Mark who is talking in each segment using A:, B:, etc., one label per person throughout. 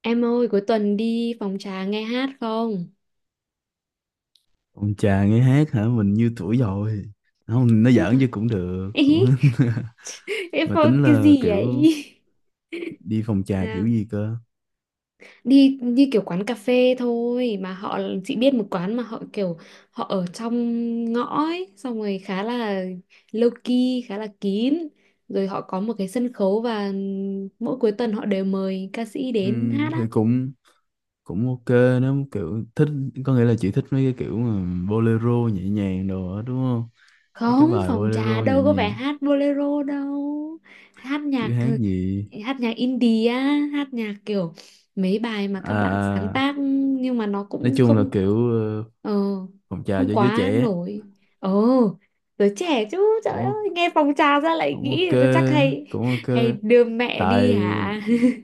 A: Em ơi, cuối tuần đi phòng trà nghe hát không?
B: Ông chà, nghe hát hả? Mình như tuổi rồi. Không, nó
A: Yêu
B: giỡn
A: thôi.
B: chứ, cũng được cũng
A: Ý, em
B: mà
A: phòng
B: tính
A: cái
B: là
A: gì vậy?
B: kiểu đi phòng trà kiểu
A: Sao?
B: gì cơ?
A: Đi như kiểu quán cà phê thôi mà họ chị biết một quán mà họ kiểu họ ở trong ngõ ấy, xong rồi khá là low key, khá là kín. Rồi họ có một cái sân khấu và mỗi cuối tuần họ đều mời ca sĩ đến hát
B: Thì
A: á.
B: cũng cũng ok. Nó kiểu thích, có nghĩa là chị thích mấy cái kiểu mà bolero nhẹ nhàng đồ đó đúng không? Mấy cái
A: Không
B: bài
A: phòng trà
B: bolero nhẹ
A: đâu có phải
B: nhàng
A: hát bolero đâu, hát
B: chứ
A: nhạc,
B: hát gì?
A: hát nhạc indie á, hát nhạc kiểu mấy bài mà các bạn
B: À,
A: sáng
B: à,
A: tác nhưng mà nó
B: nói
A: cũng
B: chung là
A: không
B: kiểu
A: ờ,
B: phòng trà
A: không
B: cho giới
A: quá
B: trẻ.
A: nổi. Ờ, giới trẻ chứ trời
B: cũng
A: ơi
B: o-
A: nghe phòng trà ra lại
B: Cũng ok,
A: nghĩ là tôi chắc hay,
B: cũng ok.
A: hay đưa mẹ
B: Tại
A: đi hả.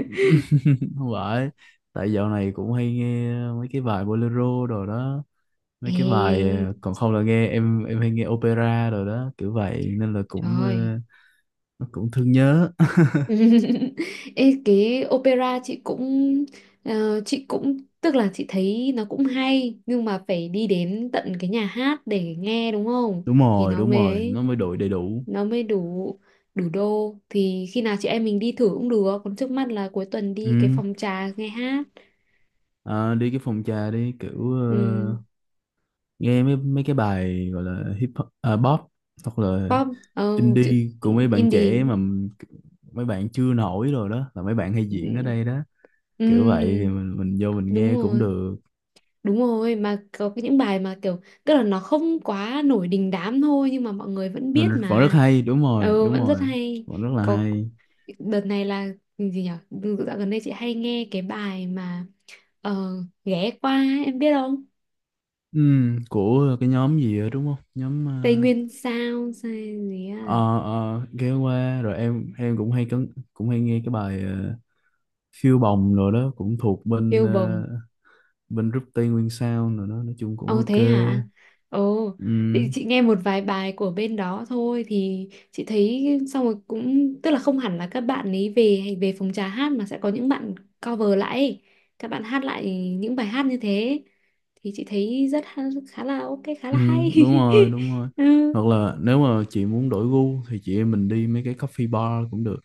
B: không phải, tại dạo này cũng hay nghe mấy cái bài bolero rồi đó. Mấy cái bài
A: Ê,
B: còn không là nghe em hay nghe opera rồi đó, kiểu vậy nên là cũng
A: trời.
B: nó cũng thương nhớ.
A: Ê, cái opera chị cũng chị cũng tức là chị thấy nó cũng hay nhưng mà phải đi đến tận cái nhà hát để nghe đúng không,
B: Đúng
A: thì
B: rồi,
A: nó
B: đúng
A: mới
B: rồi,
A: ấy,
B: nó mới đội đầy đủ.
A: nó mới đủ, đủ đô. Thì khi nào chị em mình đi thử cũng được, còn trước mắt là cuối tuần đi cái
B: Ừ.
A: phòng trà nghe hát.
B: À, đi cái phòng trà đi kiểu
A: um,
B: nghe mấy mấy cái bài gọi là hip hop, à, pop hoặc là
A: Pop. Ờ, chữ
B: indie của mấy bạn
A: indie.
B: trẻ mà mấy bạn chưa nổi rồi đó, là mấy bạn hay diễn ở
A: Ừ,
B: đây đó. Kiểu vậy thì
A: ừ,
B: mình vô mình
A: đúng
B: nghe cũng
A: rồi.
B: được.
A: Đúng rồi, mà có cái những bài mà kiểu tức là nó không quá nổi đình đám thôi nhưng mà mọi người vẫn
B: Mình
A: biết
B: vẫn rất
A: mà.
B: hay, đúng rồi
A: Ừ,
B: đúng
A: vẫn rất
B: rồi,
A: hay.
B: vẫn rất là
A: Có,
B: hay.
A: đợt này là ừ, gì nhở. Dạo gần đây chị hay nghe cái bài mà ờ, ghé qua ấy, em biết không?
B: Ừ, của cái nhóm gì đó, đúng không, nhóm
A: Tây Nguyên sao sao gì á,
B: ờ, ờ, ghé qua rồi em cũng hay cấn, cũng hay nghe cái bài phiêu bồng rồi đó, cũng thuộc bên
A: yêu bồng.
B: bên group Tây Nguyên Sound rồi đó, nói chung cũng
A: Ồ
B: ok.
A: thế hả? Ồ, thì
B: Ừ,
A: chị nghe một vài bài của bên đó thôi thì chị thấy, xong rồi cũng tức là không hẳn là các bạn ấy về về phòng trà hát mà sẽ có những bạn cover lại ấy. Các bạn hát lại những bài hát như thế thì chị thấy rất khá là ok, khá là
B: ừ,
A: hay.
B: đúng rồi đúng rồi.
A: Ừ.
B: Hoặc là nếu mà chị muốn đổi gu thì chị em mình đi mấy cái coffee bar cũng được,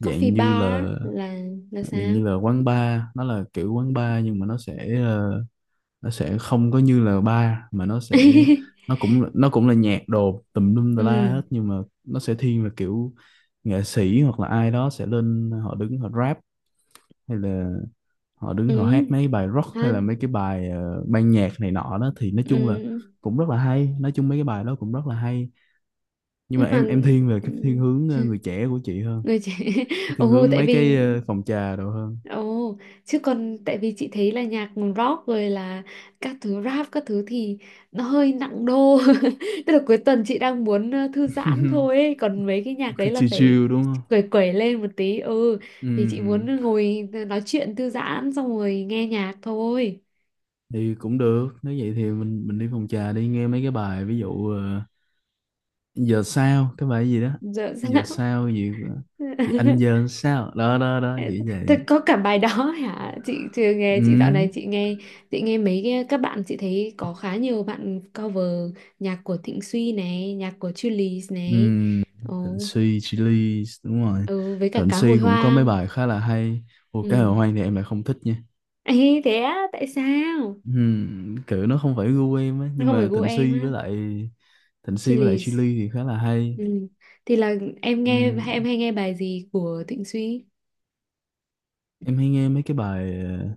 A: Coffee
B: như
A: bar
B: là
A: là
B: dạng
A: sao?
B: như là quán bar, nó là kiểu quán bar
A: Ừ.
B: nhưng mà nó sẽ không có như là bar mà nó cũng là nhạc đồ tùm lum tà la
A: Ừ.
B: hết, nhưng mà nó sẽ thiên về kiểu nghệ sĩ hoặc là ai đó sẽ lên họ đứng họ rap, hay là họ đứng họ
A: Ừ.
B: hát mấy bài rock, hay
A: Hát.
B: là mấy cái bài ban nhạc này nọ đó thì nói
A: Ừ.
B: chung là cũng rất là hay, nói chung mấy cái bài đó cũng rất là hay. Nhưng
A: Nhưng
B: mà
A: mà
B: em thiên về
A: ừ,
B: cái thiên hướng người trẻ của chị hơn,
A: người trẻ.
B: cái thiên
A: Ồ,
B: hướng
A: tại
B: mấy cái
A: vì,
B: phòng trà đồ hơn.
A: Ồ, chứ còn tại vì chị thấy là nhạc rock rồi là các thứ rap các thứ thì nó hơi nặng đô. Tức là cuối tuần chị đang muốn thư giãn thôi ấy. Còn mấy cái nhạc đấy
B: Thứ
A: là
B: chill
A: phải
B: chill đúng không?
A: quẩy quẩy lên một tí. Ừ,
B: Ừ,
A: thì chị muốn ngồi nói chuyện thư giãn xong rồi nghe nhạc thôi.
B: thì cũng được, nếu vậy thì mình đi phòng trà đi nghe mấy cái bài ví dụ giờ sao cái bài gì đó,
A: Dạ,
B: giờ
A: dạ.
B: sao gì, gì anh giờ sao đó đó đó chỉ
A: Thật
B: vậy.
A: có cả bài đó hả? Chị chưa nghe, chị dạo này
B: Ừ,
A: chị nghe, chị nghe mấy cái các bạn chị thấy có khá nhiều bạn cover nhạc của Thịnh Suy này, nhạc của Chillies
B: ừ,
A: này. Ồ,
B: Thịnh Suy Chillies đúng rồi.
A: ừ, với cả
B: Thịnh
A: cá hồi
B: Suy cũng có mấy
A: hoang.
B: bài khá là hay. Ồ, cá
A: Ừ.
B: hồi hoang thì em lại không thích nha.
A: Ê, thế á, tại sao?
B: Ừ, kiểu nó không phải gu em á,
A: Nó
B: nhưng
A: không phải
B: mà
A: gu em á.
B: Thịnh Suy với lại
A: Chillies.
B: Chillies thì khá là hay.
A: Ừ. Thì là em nghe, em
B: Ừ,
A: hay nghe bài gì của Thịnh Suy?
B: em hay nghe mấy cái bài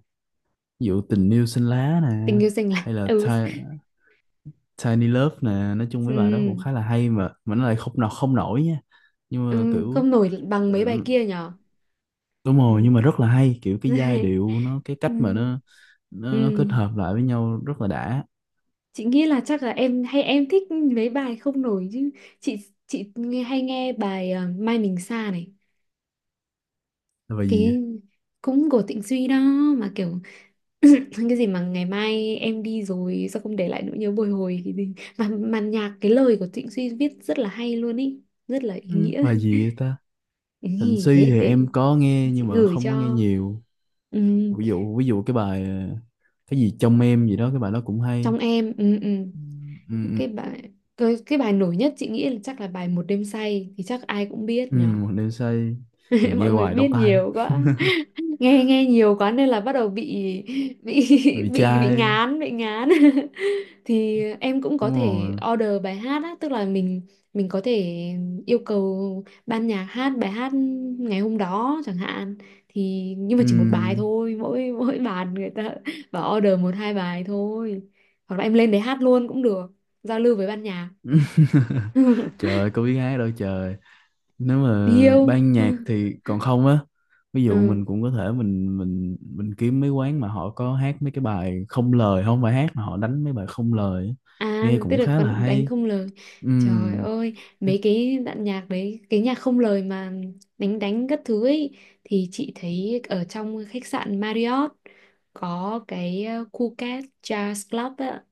B: ví dụ tình yêu xanh lá nè,
A: Tình yêu xanh lạnh.
B: hay là
A: Ừ.
B: Tiny Love nè, nói chung mấy bài đó
A: Ừ.
B: cũng khá là hay mà nó lại không nọ không nổi nha, nhưng mà
A: Ừ. Không
B: kiểu
A: nổi bằng mấy bài
B: ừ,
A: kia nhỉ?
B: đúng rồi,
A: Ừ.
B: nhưng mà rất là hay, kiểu cái giai điệu nó, cái
A: Ừ.
B: cách mà
A: Ừ.
B: nó
A: Ừ.
B: kết hợp lại với nhau rất là đã.
A: Chị nghĩ là chắc là em hay em thích mấy bài không nổi chứ chị chị nghe, hay nghe bài Mai Mình Xa này,
B: Là bài gì vậy?
A: cái cũng của Tịnh Duy đó, mà kiểu cái gì mà ngày mai em đi rồi sao không để lại nỗi nhớ bồi hồi, cái gì mà nhạc, cái lời của Trịnh Suy viết rất là hay luôn ý, rất là ý
B: Ừ,
A: nghĩa.
B: bài gì vậy ta?
A: Ừ,
B: Thịnh Suy
A: thế
B: thì em
A: để
B: có nghe
A: chị
B: nhưng mà
A: gửi
B: không có nghe
A: cho.
B: nhiều.
A: Ừ,
B: Ví dụ cái bài cái gì trong em gì đó, cái bài đó cũng hay.
A: trong em. Ừ, ừ.
B: Ừ, ừ, ừ.
A: Cái bài, cái bài nổi nhất chị nghĩ là chắc là bài một đêm say thì chắc ai cũng biết
B: Ừ,
A: nhở.
B: một đêm say. Rồi nghe
A: Mọi người
B: hoài
A: biết
B: đau tai quá.
A: nhiều quá, nghe nghe nhiều quá nên là bắt đầu bị,
B: Vì
A: bị
B: trai
A: ngán, bị ngán. Thì em cũng có
B: đúng
A: thể
B: rồi,
A: order bài hát á, tức là mình có thể yêu cầu ban nhạc hát bài hát ngày hôm đó chẳng hạn, thì nhưng mà
B: ừ.
A: chỉ một bài thôi, mỗi mỗi bàn người ta bảo order một hai bài thôi, hoặc là em lên đấy hát luôn cũng được, giao lưu với ban nhạc.
B: Trời ơi, có biết hát đâu trời, nếu mà
A: Điêu.
B: ban nhạc thì còn không á. Ví dụ
A: Ừ.
B: mình cũng có thể mình kiếm mấy quán mà họ có hát mấy cái bài không lời, không phải hát mà họ đánh mấy bài không lời á.
A: À
B: Nghe
A: tức
B: cũng
A: là
B: khá là
A: còn đánh
B: hay.
A: không lời.
B: Ừ,
A: Trời ơi, mấy cái đoạn nhạc đấy, cái nhạc không lời mà đánh, đánh các thứ ấy, thì chị thấy ở trong khách sạn Marriott có cái Phuket Jazz Club á,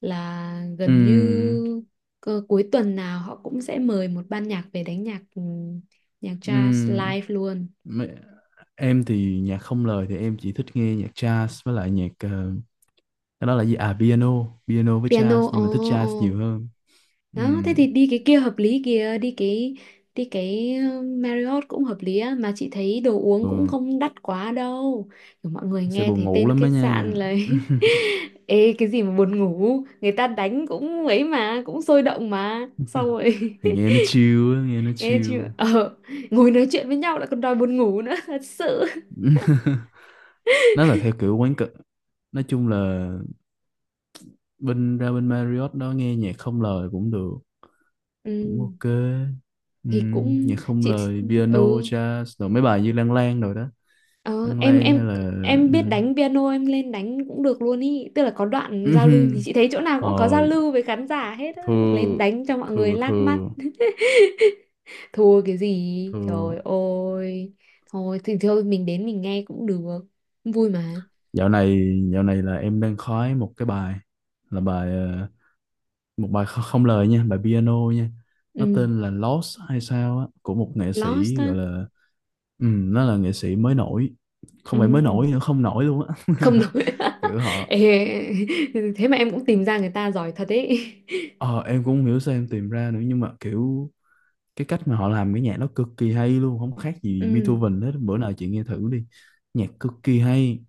A: là gần
B: ừ,
A: như cuối tuần nào họ cũng sẽ mời một ban nhạc về đánh nhạc, ừ, nhạc jazz
B: ừ.
A: live luôn.
B: Mấy- em thì nhạc không lời thì em chỉ thích nghe nhạc jazz với lại nhạc cái đó là gì, à piano piano với jazz
A: Piano.
B: nhưng mà thích
A: Ồ. Oh,
B: jazz
A: ồ.
B: nhiều hơn. Ừ.
A: Đó, thế thì đi cái kia hợp lý kìa, đi cái, đi cái Marriott cũng hợp lý á, mà chị thấy đồ uống cũng
B: Ừ.
A: không đắt quá đâu. Kiểu mọi người
B: Sẽ
A: nghe
B: buồn
A: thấy
B: ngủ
A: tên
B: lắm á
A: khách sạn
B: nha,
A: lấy. Ê cái gì mà buồn ngủ, người ta đánh cũng ấy mà, cũng sôi động mà. Xong rồi
B: thì nghe nó chill á, nghe nó
A: Ê
B: chill.
A: chị ờ, ngồi nói chuyện với nhau lại còn đòi buồn ngủ nữa, thật sự.
B: Nó là theo kiểu quán cực, nói chung là bên ra bên Marriott đó nghe nhạc không lời cũng được, cũng
A: Ừ,
B: ok. Ừ.
A: thì cũng
B: Nhạc không
A: chị
B: lời piano
A: ừ.
B: jazz rồi mấy bài như Lan Lan rồi đó.
A: Ờ,
B: Lan
A: em
B: Lan hay
A: em
B: là
A: em biết
B: ừ.
A: đánh piano em lên đánh cũng được luôn ý, tức là có đoạn giao lưu thì chị thấy chỗ nào cũng có giao
B: Rồi,
A: lưu với khán giả hết á, lên
B: thưa
A: đánh cho mọi người
B: thưa
A: lác mắt.
B: thưa
A: Thua cái gì
B: thưa
A: trời ơi, thôi thì thôi mình đến mình nghe cũng được, vui mà.
B: dạo này dạo này là em đang khoái một cái bài, là bài một bài không lời nha, bài piano nha. Nó
A: Ừ.
B: tên là Lost hay sao á, của một nghệ
A: Lost
B: sĩ
A: á.
B: gọi là ừ, nó là nghệ sĩ mới nổi, không phải mới
A: Ừ.
B: nổi nữa, không nổi luôn á.
A: Không nổi.
B: Kiểu họ
A: Ê, thế mà em cũng tìm ra người ta giỏi thật ấy.
B: ờ em cũng không hiểu sao em tìm ra nữa, nhưng mà kiểu cái cách mà họ làm cái nhạc nó cực kỳ hay luôn, không khác gì
A: Ừ.
B: Beethoven hết, bữa nào chị nghe thử đi. Nhạc cực kỳ hay,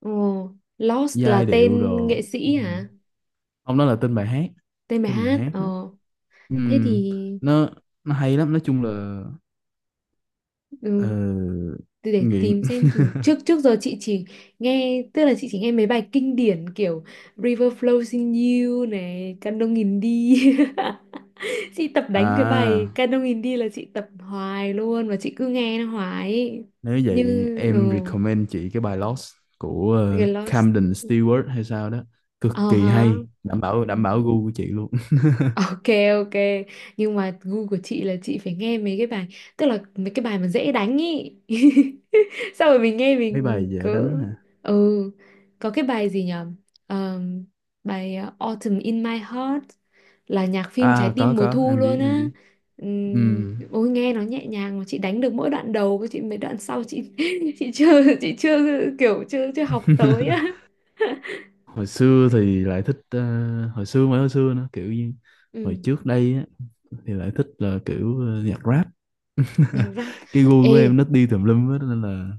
A: Ồ, Lost là
B: giai điệu
A: tên
B: đồ,
A: nghệ
B: ừ.
A: sĩ hả,
B: Ông đó là tên bài hát,
A: tên bài
B: tên bài
A: hát,
B: hát đó.
A: ờ,
B: Ừ.
A: thế thì
B: nó nó hay lắm, nói chung là ờ,
A: ừ. Từ để
B: nghiện
A: tìm xem thử. Trước, trước giờ chị chỉ nghe, tức là chị chỉ nghe mấy bài kinh điển kiểu River Flows in You này, Candong in đi. Chị tập đánh cái
B: à,
A: bài Candong in đi là chị tập hoài luôn, và chị cứ nghe nó hoài ấy.
B: nếu
A: Như
B: vậy
A: ừ,
B: em recommend chị cái bài Lost của
A: cái Lost.
B: Camden Stewart hay sao đó, cực
A: Ờ
B: kỳ
A: hả.
B: hay, đảm bảo
A: Ừ.
B: đảm bảo gu của chị luôn.
A: Ok, ok. Nhưng mà gu của chị là chị phải nghe mấy cái bài, tức là mấy cái bài mà dễ đánh ý. Sao rồi mình nghe
B: Mấy
A: mình
B: bài dễ
A: cứ,
B: đánh hả?
A: ừ, có cái bài gì nhở. Ờm, Bài Autumn in My Heart, là nhạc phim Trái
B: À có
A: tim mùa
B: có
A: thu
B: em biết
A: luôn
B: em
A: á.
B: biết. Ừm.
A: Ôi nghe nó nhẹ nhàng. Mà chị đánh được mỗi đoạn đầu, chị mấy đoạn sau chị chị chưa, chị chưa kiểu chưa chưa học tới á.
B: Hồi xưa thì lại thích hồi xưa mới hồi xưa nữa, kiểu như hồi
A: Ừ,
B: trước đây á, thì lại thích là kiểu nhạc rap.
A: nhạc rap.
B: Cái gu
A: Ê
B: của em nó đi tùm lum hết nên là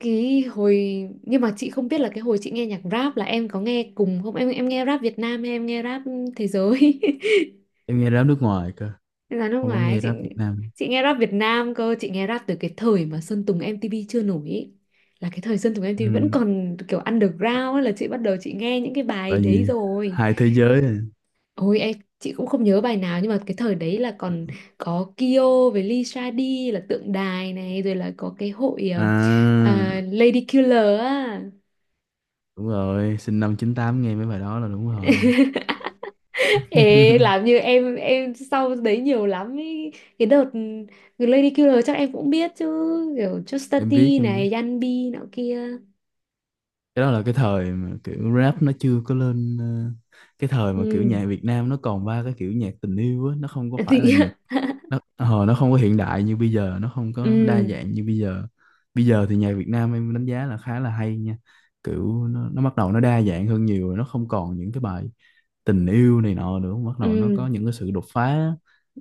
A: cái hồi, nhưng mà chị không biết là cái hồi chị nghe nhạc rap là em có nghe cùng không, em em nghe rap Việt Nam hay em nghe rap thế giới?
B: em nghe rap nước ngoài cơ,
A: Là nước
B: không có
A: ngoài ấy,
B: nghe
A: chị
B: rap Việt Nam.
A: chị nghe rap Việt Nam cơ, chị nghe rap từ cái thời mà Sơn Tùng MTP chưa nổi ý, là cái thời Sơn Tùng MTP vẫn còn kiểu underground ấy, là chị bắt đầu chị nghe những cái bài
B: Bởi
A: đấy
B: vì
A: rồi.
B: hai thế giới à.
A: Ôi em, chị cũng không nhớ bài nào nhưng mà cái thời đấy là còn có Kyo với Lisa D là tượng đài này, rồi là có cái hội
B: À,
A: à, Lady Killer á.
B: đúng rồi, sinh năm 98 nghe mấy bài đó là đúng rồi.
A: Ê, làm như em sau đấy nhiều lắm ý. Cái đợt The Lady Killer chắc em cũng biết chứ, kiểu Chuspa T
B: Em biết, em biết.
A: này, Yanbi nọ kia.
B: Cái đó là cái thời mà kiểu rap nó chưa có lên cái thời mà kiểu
A: Ừ.
B: nhạc Việt Nam nó còn ba cái kiểu nhạc tình yêu á, nó không có phải là
A: Thì
B: nhạc, nó không có hiện đại như bây giờ, nó không có đa
A: ừ,
B: dạng như bây giờ. Bây giờ thì nhạc Việt Nam em đánh giá là khá là hay nha, kiểu nó bắt đầu, nó đa dạng hơn nhiều rồi, nó không còn những cái bài tình yêu này nọ nữa, bắt đầu nó
A: ừ,
B: có những cái sự đột phá.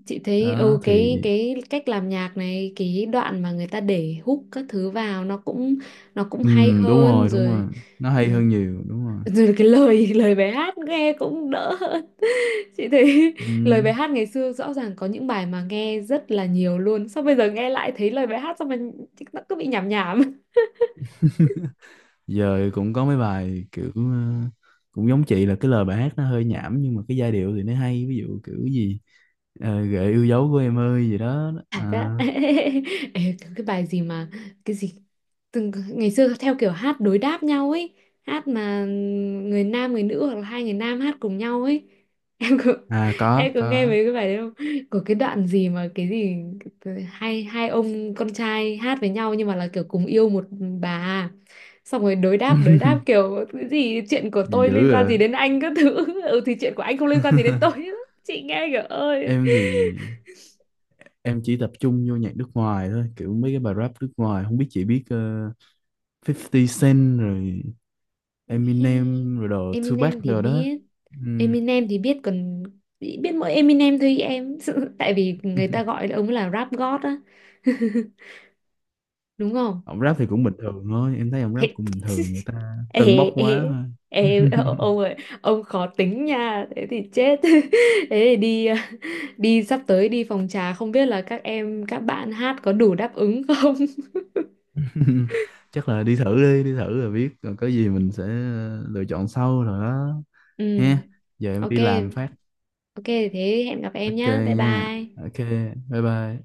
A: chị thấy ừ,
B: Đó
A: cái
B: thì
A: cái cách làm nhạc này, cái đoạn mà người ta để hook các thứ vào nó cũng, nó cũng hay
B: đúng
A: hơn
B: rồi đúng
A: rồi.
B: rồi, nó
A: Ừ,
B: hay hơn nhiều, đúng rồi.
A: rồi cái lời, lời bài hát nghe cũng đỡ hơn. Chị thấy lời bài
B: Ừm,
A: hát ngày xưa rõ ràng có những bài mà nghe rất là nhiều luôn. Sao bây giờ nghe lại thấy lời bài hát sao mà nó cứ bị nhảm nhảm.
B: giờ cũng có mấy bài kiểu cũng giống chị là cái lời bài hát nó hơi nhảm nhưng mà cái giai điệu thì nó hay, ví dụ kiểu gì gợi yêu dấu của em ơi gì đó,
A: Cảm giác,
B: à,
A: ê, cái bài gì mà, cái gì từng ngày xưa theo kiểu hát đối đáp nhau ấy, hát mà người nam người nữ hoặc là hai người nam hát cùng nhau ấy. Em có,
B: à có
A: em có nghe
B: có.
A: mấy cái bài đấy không, có cái đoạn gì mà cái gì hai hai ông con trai hát với nhau nhưng mà là kiểu cùng yêu một bà à, xong rồi đối đáp, đối đáp kiểu cái gì chuyện của
B: Gì
A: tôi
B: dữ
A: liên quan
B: vậy?
A: gì đến anh các thứ, ừ thì chuyện của anh không liên quan gì đến tôi. Chị nghe kiểu ơi.
B: Em thì em chỉ tập trung vô nhạc nước ngoài thôi, kiểu mấy cái bài rap nước ngoài, không biết chị biết 50 Cent rồi, Eminem rồi đồ
A: Eminem
B: Tupac
A: thì
B: rồi đó.
A: biết,
B: Ừm.
A: Eminem thì biết còn, biết mỗi Eminem thôi em, tại vì người ta gọi ông là rap god á. Đúng không.
B: Ông rap thì cũng bình thường thôi, em thấy ông rap
A: Thế-
B: cũng bình thường, người ta tâng
A: ê,
B: bốc quá
A: ê,
B: thôi.
A: ê, ông ơi, ông khó tính nha, thế thì chết. Thế thì đi đi sắp tới đi phòng trà không biết là các em các bạn hát có đủ đáp ứng không.
B: Chắc là đi thử đi, đi thử rồi biết, còn có gì mình sẽ lựa chọn sau rồi đó, ha.
A: Ừ,
B: Giờ em
A: ok,
B: đi làm phát,
A: ok, thế hẹn gặp em
B: ok,
A: nhá, bye
B: nha,
A: bye.
B: ok, bye bye.